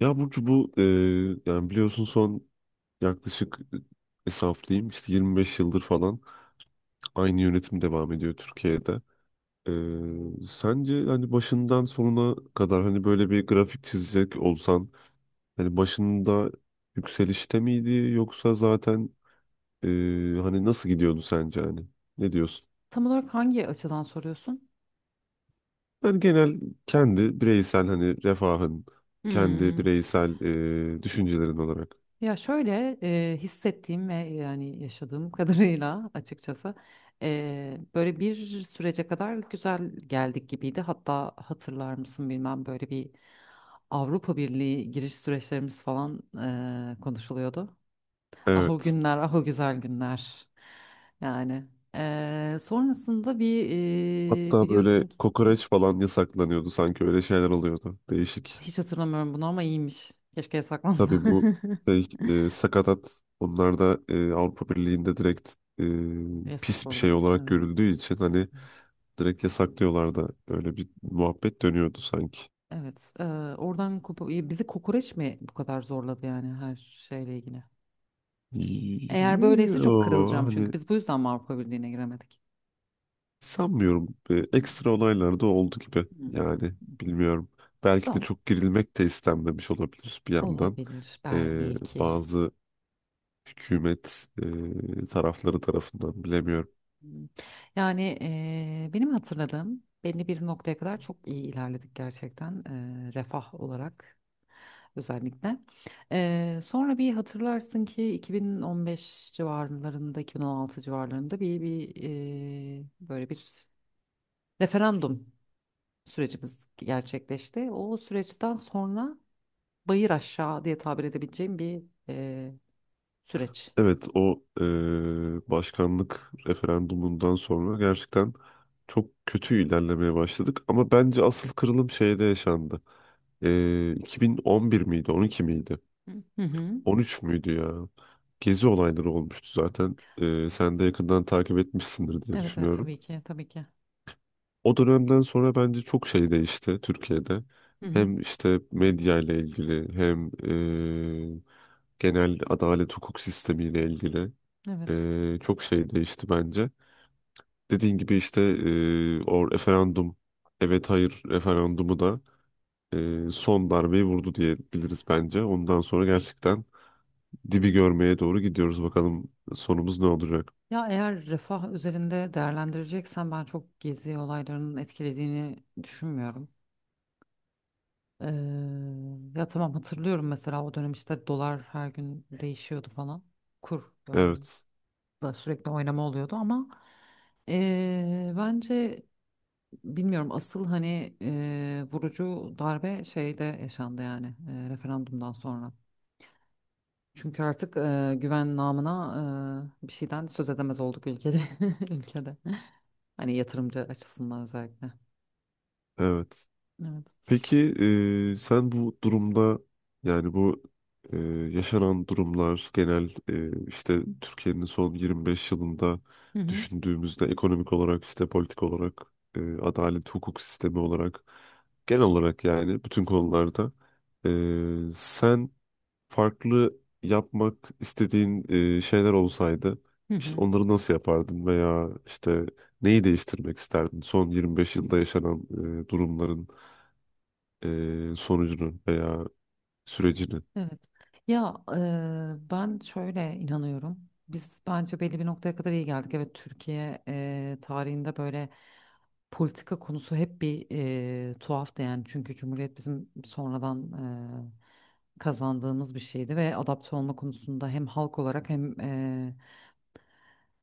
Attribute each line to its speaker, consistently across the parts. Speaker 1: Ya Burcu bu yani biliyorsun son yaklaşık hesaplayayım işte 25 yıldır falan aynı yönetim devam ediyor Türkiye'de. E, Sence hani başından sonuna kadar hani böyle bir grafik çizecek olsan hani başında yükselişte miydi yoksa zaten e, hani nasıl gidiyordu sence hani ne diyorsun?
Speaker 2: Tam olarak hangi açıdan soruyorsun?
Speaker 1: Yani genel kendi bireysel hani refahın kendi
Speaker 2: Hmm.
Speaker 1: bireysel düşüncelerin olarak.
Speaker 2: Ya şöyle, hissettiğim ve yani yaşadığım kadarıyla açıkçası böyle bir sürece kadar güzel geldik gibiydi. Hatta hatırlar mısın bilmem, böyle bir Avrupa Birliği giriş süreçlerimiz falan konuşuluyordu. Ah o
Speaker 1: Evet.
Speaker 2: günler, ah o güzel günler. Yani sonrasında bir
Speaker 1: Hatta böyle
Speaker 2: biliyorsun ki
Speaker 1: kokoreç falan yasaklanıyordu sanki öyle şeyler oluyordu. Değişik.
Speaker 2: hiç hatırlamıyorum bunu, ama iyiymiş. Keşke yasaklansa.
Speaker 1: Tabii bu şey, sakatat onlar da Avrupa Birliği'nde direkt e,
Speaker 2: Yasak
Speaker 1: pis bir
Speaker 2: olduğu
Speaker 1: şey
Speaker 2: için,
Speaker 1: olarak
Speaker 2: evet.
Speaker 1: görüldüğü için hani direkt yasaklıyorlar da öyle bir muhabbet dönüyordu sanki.
Speaker 2: Evet. Ya bizi kokoreç mi bu kadar zorladı yani, her şeyle ilgili? Eğer böyleyse çok
Speaker 1: Yo,
Speaker 2: kırılacağım, çünkü
Speaker 1: hani
Speaker 2: biz bu yüzden mi Avrupa Birliği'ne giremedik?
Speaker 1: sanmıyorum.
Speaker 2: Hmm,
Speaker 1: Ekstra olaylar da oldu gibi
Speaker 2: hmm.
Speaker 1: yani bilmiyorum. Belki de
Speaker 2: Tamam.
Speaker 1: çok girilmek de istenmemiş olabilir bir yandan.
Speaker 2: Olabilir
Speaker 1: E,
Speaker 2: belki.
Speaker 1: Bazı hükümet tarafları tarafından bilemiyorum.
Speaker 2: Hmm. Yani benim hatırladığım belli bir noktaya kadar çok iyi ilerledik gerçekten, refah olarak özellikle. Sonra bir hatırlarsın ki 2015 civarlarında 2016 civarlarında bir böyle bir referandum sürecimiz gerçekleşti. O süreçten sonra bayır aşağı diye tabir edebileceğim bir eee, süreç.
Speaker 1: Evet, o başkanlık referandumundan sonra gerçekten çok kötü ilerlemeye başladık. Ama bence asıl kırılım şeyde yaşandı. 2011 miydi 12 miydi
Speaker 2: Hı hı.
Speaker 1: 13 müydü ya? Gezi olayları olmuştu zaten. Sen de yakından takip etmişsindir diye
Speaker 2: Evet, evet,
Speaker 1: düşünüyorum.
Speaker 2: tabii ki, tabii ki.
Speaker 1: O dönemden sonra bence çok şey değişti Türkiye'de.
Speaker 2: Hı hı.
Speaker 1: Hem işte medya ile ilgili hem e, genel adalet hukuk sistemi ile ilgili
Speaker 2: Evet.
Speaker 1: çok şey değişti bence. Dediğin gibi işte o referandum, evet hayır referandumu da son darbeyi vurdu diyebiliriz bence. Ondan sonra gerçekten dibi görmeye doğru gidiyoruz. Bakalım sonumuz ne olacak?
Speaker 2: Ya eğer refah üzerinde değerlendireceksen, ben çok gezi olaylarının etkilediğini düşünmüyorum. Ee, ya tamam, hatırlıyorum mesela o dönem işte dolar her gün değişiyordu falan. Kur
Speaker 1: Evet.
Speaker 2: da sürekli oynama oluyordu, ama bence bilmiyorum, asıl hani vurucu darbe şeyde yaşandı yani, referandumdan sonra. Çünkü artık güven namına bir şeyden söz edemez olduk ülkede. Ülkede. Hani yatırımcı açısından özellikle.
Speaker 1: Evet.
Speaker 2: Evet.
Speaker 1: Peki, sen bu durumda yani bu e, yaşanan durumlar genel işte Türkiye'nin son 25 yılında
Speaker 2: Hı hı.
Speaker 1: düşündüğümüzde ekonomik olarak işte politik olarak adalet hukuk sistemi olarak genel olarak yani bütün konularda sen farklı yapmak istediğin şeyler olsaydı
Speaker 2: Hı
Speaker 1: işte
Speaker 2: hı.
Speaker 1: onları nasıl yapardın veya işte neyi değiştirmek isterdin son 25 yılda yaşanan durumların sonucunu veya sürecini
Speaker 2: Evet. Ya ben şöyle inanıyorum. Biz bence belli bir noktaya kadar iyi geldik. Evet, Türkiye tarihinde böyle politika konusu hep bir tuhaftı yani. Çünkü Cumhuriyet bizim sonradan kazandığımız bir şeydi ve adapte olma konusunda hem halk olarak, hem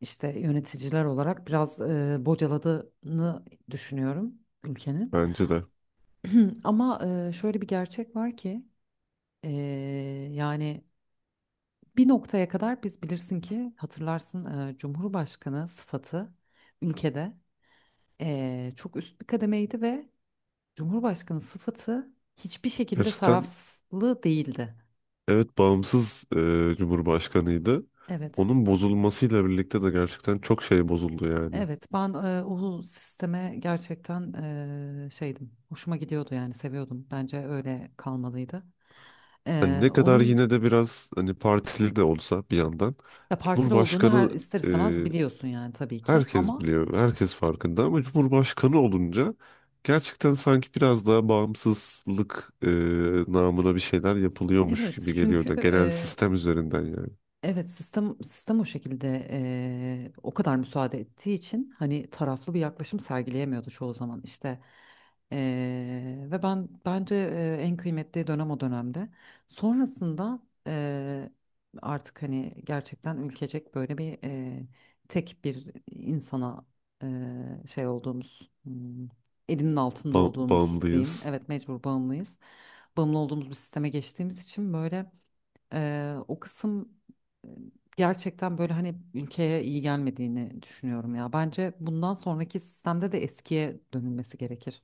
Speaker 2: işte yöneticiler olarak biraz bocaladığını düşünüyorum ülkenin.
Speaker 1: bence de.
Speaker 2: Ama şöyle bir gerçek var ki e, yani bir noktaya kadar biz, bilirsin ki hatırlarsın, Cumhurbaşkanı sıfatı ülkede çok üst bir kademeydi ve Cumhurbaşkanı sıfatı hiçbir şekilde
Speaker 1: Gerçekten,
Speaker 2: taraflı değildi.
Speaker 1: evet, bağımsız Cumhurbaşkanıydı.
Speaker 2: Evet.
Speaker 1: Onun bozulmasıyla birlikte de gerçekten çok şey bozuldu yani.
Speaker 2: Evet, ben o sisteme gerçekten şeydim, hoşuma gidiyordu yani, seviyordum. Bence öyle kalmalıydı.
Speaker 1: Hani ne kadar
Speaker 2: Onun
Speaker 1: yine de biraz hani partili de olsa bir yandan
Speaker 2: da partili olduğunu her
Speaker 1: Cumhurbaşkanı
Speaker 2: ister
Speaker 1: e,
Speaker 2: istemez biliyorsun yani, tabii ki.
Speaker 1: herkes
Speaker 2: Ama
Speaker 1: biliyor, herkes farkında ama Cumhurbaşkanı olunca gerçekten sanki biraz daha bağımsızlık namına bir şeyler yapılıyormuş
Speaker 2: evet,
Speaker 1: gibi geliyor
Speaker 2: çünkü
Speaker 1: da genel sistem üzerinden yani.
Speaker 2: evet, sistem o şekilde, o kadar müsaade ettiği için hani taraflı bir yaklaşım sergileyemiyordu çoğu zaman işte. Ve ben bence en kıymetli dönem o dönemde sonrasında artık hani gerçekten ülkecek böyle bir tek bir insana şey olduğumuz, elinin altında olduğumuz diyeyim,
Speaker 1: Bağımlıyız.
Speaker 2: evet, mecbur bağımlıyız, bağımlı olduğumuz bir sisteme geçtiğimiz için böyle. O kısım e, gerçekten böyle hani ülkeye iyi gelmediğini düşünüyorum ya. Bence bundan sonraki sistemde de eskiye dönülmesi gerekir.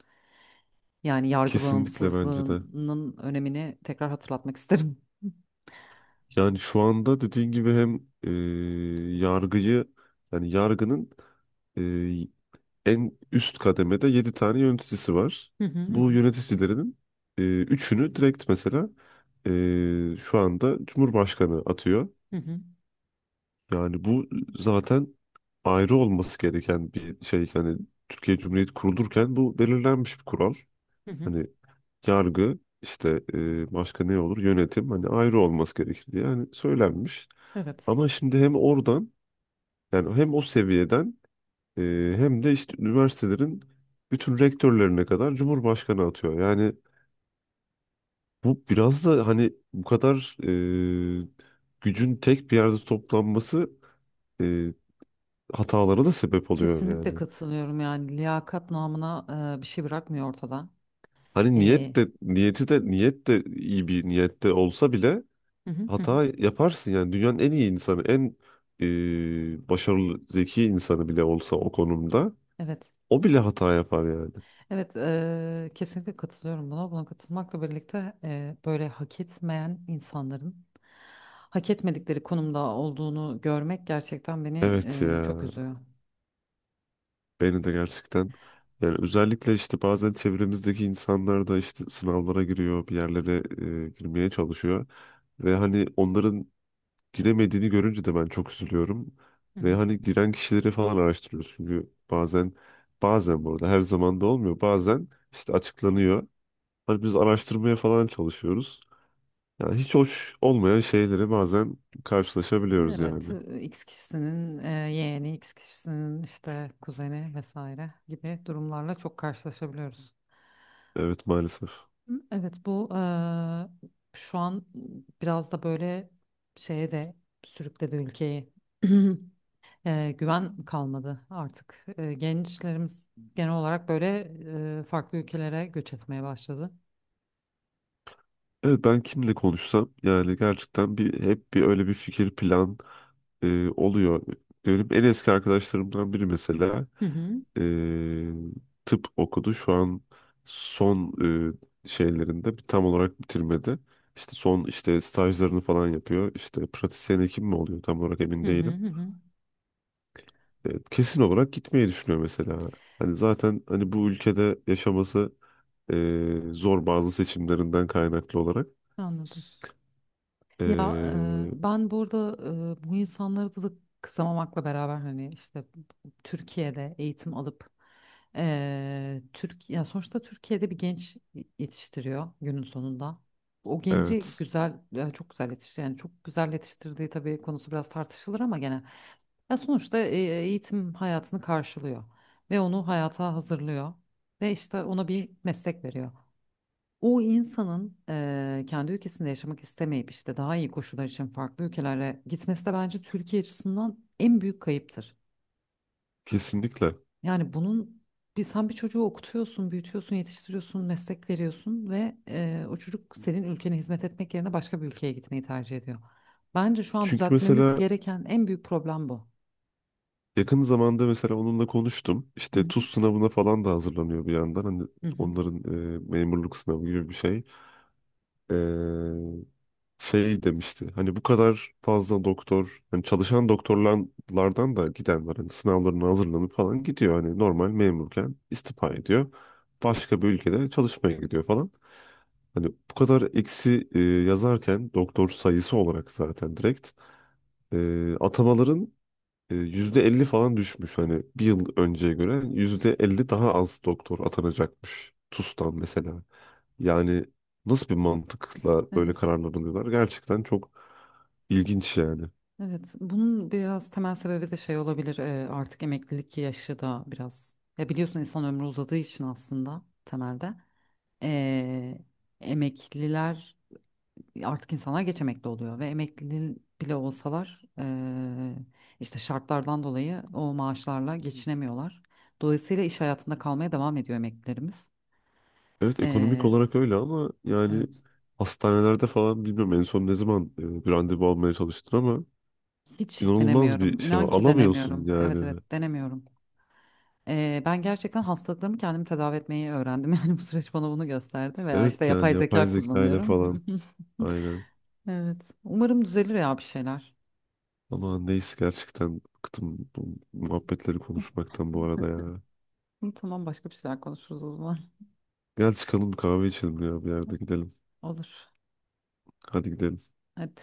Speaker 2: Yani yargı
Speaker 1: Kesinlikle bence de.
Speaker 2: bağımsızlığının önemini tekrar hatırlatmak isterim.
Speaker 1: Yani şu anda dediğin gibi hem yargıyı yani yargının e, en üst kademede 7 tane yöneticisi var.
Speaker 2: Hı hı, hı
Speaker 1: Bu
Speaker 2: hı,
Speaker 1: yöneticilerinin üçünü direkt mesela şu anda Cumhurbaşkanı atıyor.
Speaker 2: hı hı.
Speaker 1: Yani bu zaten ayrı olması gereken bir şey. Yani Türkiye Cumhuriyeti kurulurken bu belirlenmiş bir kural.
Speaker 2: Hı hı.
Speaker 1: Hani yargı işte başka ne olur yönetim hani ayrı olması gerekir diye yani söylenmiş.
Speaker 2: Evet.
Speaker 1: Ama şimdi hem oradan yani hem o seviyeden e, hem de işte üniversitelerin bütün rektörlerine kadar Cumhurbaşkanı atıyor. Yani bu biraz da hani bu kadar e, gücün tek bir yerde toplanması e, hatalara da sebep oluyor
Speaker 2: Kesinlikle
Speaker 1: yani.
Speaker 2: katılıyorum, yani liyakat namına bir şey bırakmıyor ortada.
Speaker 1: Hani
Speaker 2: E,
Speaker 1: niyet de iyi bir niyette olsa bile
Speaker 2: hı hı, hı hı.
Speaker 1: hata yaparsın yani. Dünyanın en iyi insanı, en başarılı, zeki insanı bile olsa o konumda
Speaker 2: Evet.
Speaker 1: o bile hata yapar yani.
Speaker 2: Evet, kesinlikle katılıyorum buna. Buna katılmakla birlikte böyle hak etmeyen insanların hak etmedikleri konumda olduğunu görmek gerçekten beni
Speaker 1: Evet ya,
Speaker 2: çok üzüyor.
Speaker 1: beni de gerçekten, yani özellikle işte bazen çevremizdeki insanlar da işte sınavlara giriyor, bir yerlere girmeye çalışıyor ve hani onların giremediğini görünce de ben çok üzülüyorum
Speaker 2: Hı
Speaker 1: ve
Speaker 2: hı.
Speaker 1: hani giren kişileri falan araştırıyoruz çünkü bazen burada her zaman da olmuyor, bazen işte açıklanıyor. Hani biz araştırmaya falan çalışıyoruz. Yani hiç hoş olmayan şeyleri bazen karşılaşabiliyoruz yani.
Speaker 2: Evet, X kişisinin yeğeni, X kişisinin işte kuzeni vesaire gibi durumlarla çok karşılaşabiliyoruz.
Speaker 1: Evet maalesef.
Speaker 2: Hı, evet, bu şu an biraz da böyle şeye de sürükledi ülkeyi. Güven kalmadı artık. Gençlerimiz genel olarak böyle farklı ülkelere göç etmeye başladı.
Speaker 1: Evet, ben kimle konuşsam yani gerçekten bir hep bir öyle bir fikir plan oluyor. Benim en eski arkadaşlarımdan biri mesela
Speaker 2: Hı hı,
Speaker 1: e, tıp okudu. Şu an son şeylerinde bir tam olarak bitirmedi. İşte son işte stajlarını falan yapıyor. İşte pratisyen hekim mi oluyor tam olarak
Speaker 2: hı
Speaker 1: emin
Speaker 2: hı,
Speaker 1: değilim.
Speaker 2: hı hı.
Speaker 1: Kesin olarak gitmeyi düşünüyor mesela. Hani zaten hani bu ülkede yaşaması zor bazı seçimlerinden kaynaklı olarak.
Speaker 2: Anladım. Ya
Speaker 1: Ee,
Speaker 2: ben burada bu insanları da kısamamakla beraber, hani işte Türkiye'de eğitim alıp Türk, ya sonuçta Türkiye'de bir genç yetiştiriyor günün sonunda. O genci
Speaker 1: evet,
Speaker 2: güzel, ya çok güzel yetiştiriyor. Yani çok güzel yetiştirdiği tabii konusu biraz tartışılır ama gene. Ya sonuçta eğitim hayatını karşılıyor ve onu hayata hazırlıyor ve işte ona bir meslek veriyor. O insanın kendi ülkesinde yaşamak istemeyip işte daha iyi koşullar için farklı ülkelere gitmesi de bence Türkiye açısından en büyük kayıptır.
Speaker 1: kesinlikle.
Speaker 2: Yani bunun bir, sen bir çocuğu okutuyorsun, büyütüyorsun, yetiştiriyorsun, meslek veriyorsun ve o çocuk senin ülkene hizmet etmek yerine başka bir ülkeye gitmeyi tercih ediyor. Bence şu an
Speaker 1: Çünkü
Speaker 2: düzeltmemiz
Speaker 1: mesela
Speaker 2: gereken en büyük problem bu.
Speaker 1: yakın zamanda mesela onunla konuştum.
Speaker 2: Hı
Speaker 1: İşte
Speaker 2: hı.
Speaker 1: TUS sınavına falan da hazırlanıyor bir yandan. Hani
Speaker 2: Hı hı.
Speaker 1: onların memurluk sınavı gibi bir şey. Ee, Şey demişti. Hani bu kadar fazla doktor, hani çalışan doktorlardan da giden var. Hani sınavlarına hazırlanıp falan gidiyor. Hani normal memurken istifa ediyor. Başka bir ülkede çalışmaya gidiyor falan. Hani bu kadar eksi yazarken doktor sayısı olarak zaten direkt atamaların %50 falan düşmüş. Hani bir yıl önceye göre %50 daha az doktor atanacakmış. TUS'tan mesela. Yani nasıl bir mantıkla böyle
Speaker 2: Evet.
Speaker 1: kararlar alıyorlar? Gerçekten çok ilginç yani.
Speaker 2: Evet, bunun biraz temel sebebi de şey olabilir. Artık emeklilik yaşı da biraz. Ya biliyorsun, insan ömrü uzadığı için aslında temelde e, emekliler, artık insanlar geç emekli oluyor ve emekli bile olsalar işte şartlardan dolayı o maaşlarla geçinemiyorlar. Dolayısıyla iş hayatında kalmaya devam ediyor emeklilerimiz.
Speaker 1: Evet, ekonomik
Speaker 2: E,
Speaker 1: olarak öyle ama yani
Speaker 2: evet,
Speaker 1: hastanelerde falan bilmiyorum en son ne zaman bir randevu almaya çalıştın ama
Speaker 2: hiç
Speaker 1: inanılmaz bir
Speaker 2: denemiyorum.
Speaker 1: şey var.
Speaker 2: İnan ki
Speaker 1: Alamıyorsun
Speaker 2: denemiyorum. Evet,
Speaker 1: yani.
Speaker 2: evet, denemiyorum. Ben gerçekten hastalıklarımı kendim tedavi etmeyi öğrendim. Yani bu süreç bana bunu gösterdi, veya işte
Speaker 1: Evet,
Speaker 2: yapay
Speaker 1: yani yapay
Speaker 2: zeka
Speaker 1: zeka ile
Speaker 2: kullanıyorum.
Speaker 1: falan aynen.
Speaker 2: Evet. Umarım düzelir ya bir şeyler.
Speaker 1: Ama neyse, gerçekten bıktım bu muhabbetleri konuşmaktan bu arada ya.
Speaker 2: Tamam, başka bir şeyler konuşuruz o zaman.
Speaker 1: Gel çıkalım bir kahve içelim ya, bir yerde gidelim.
Speaker 2: Olur.
Speaker 1: Hadi gidelim.
Speaker 2: Hadi.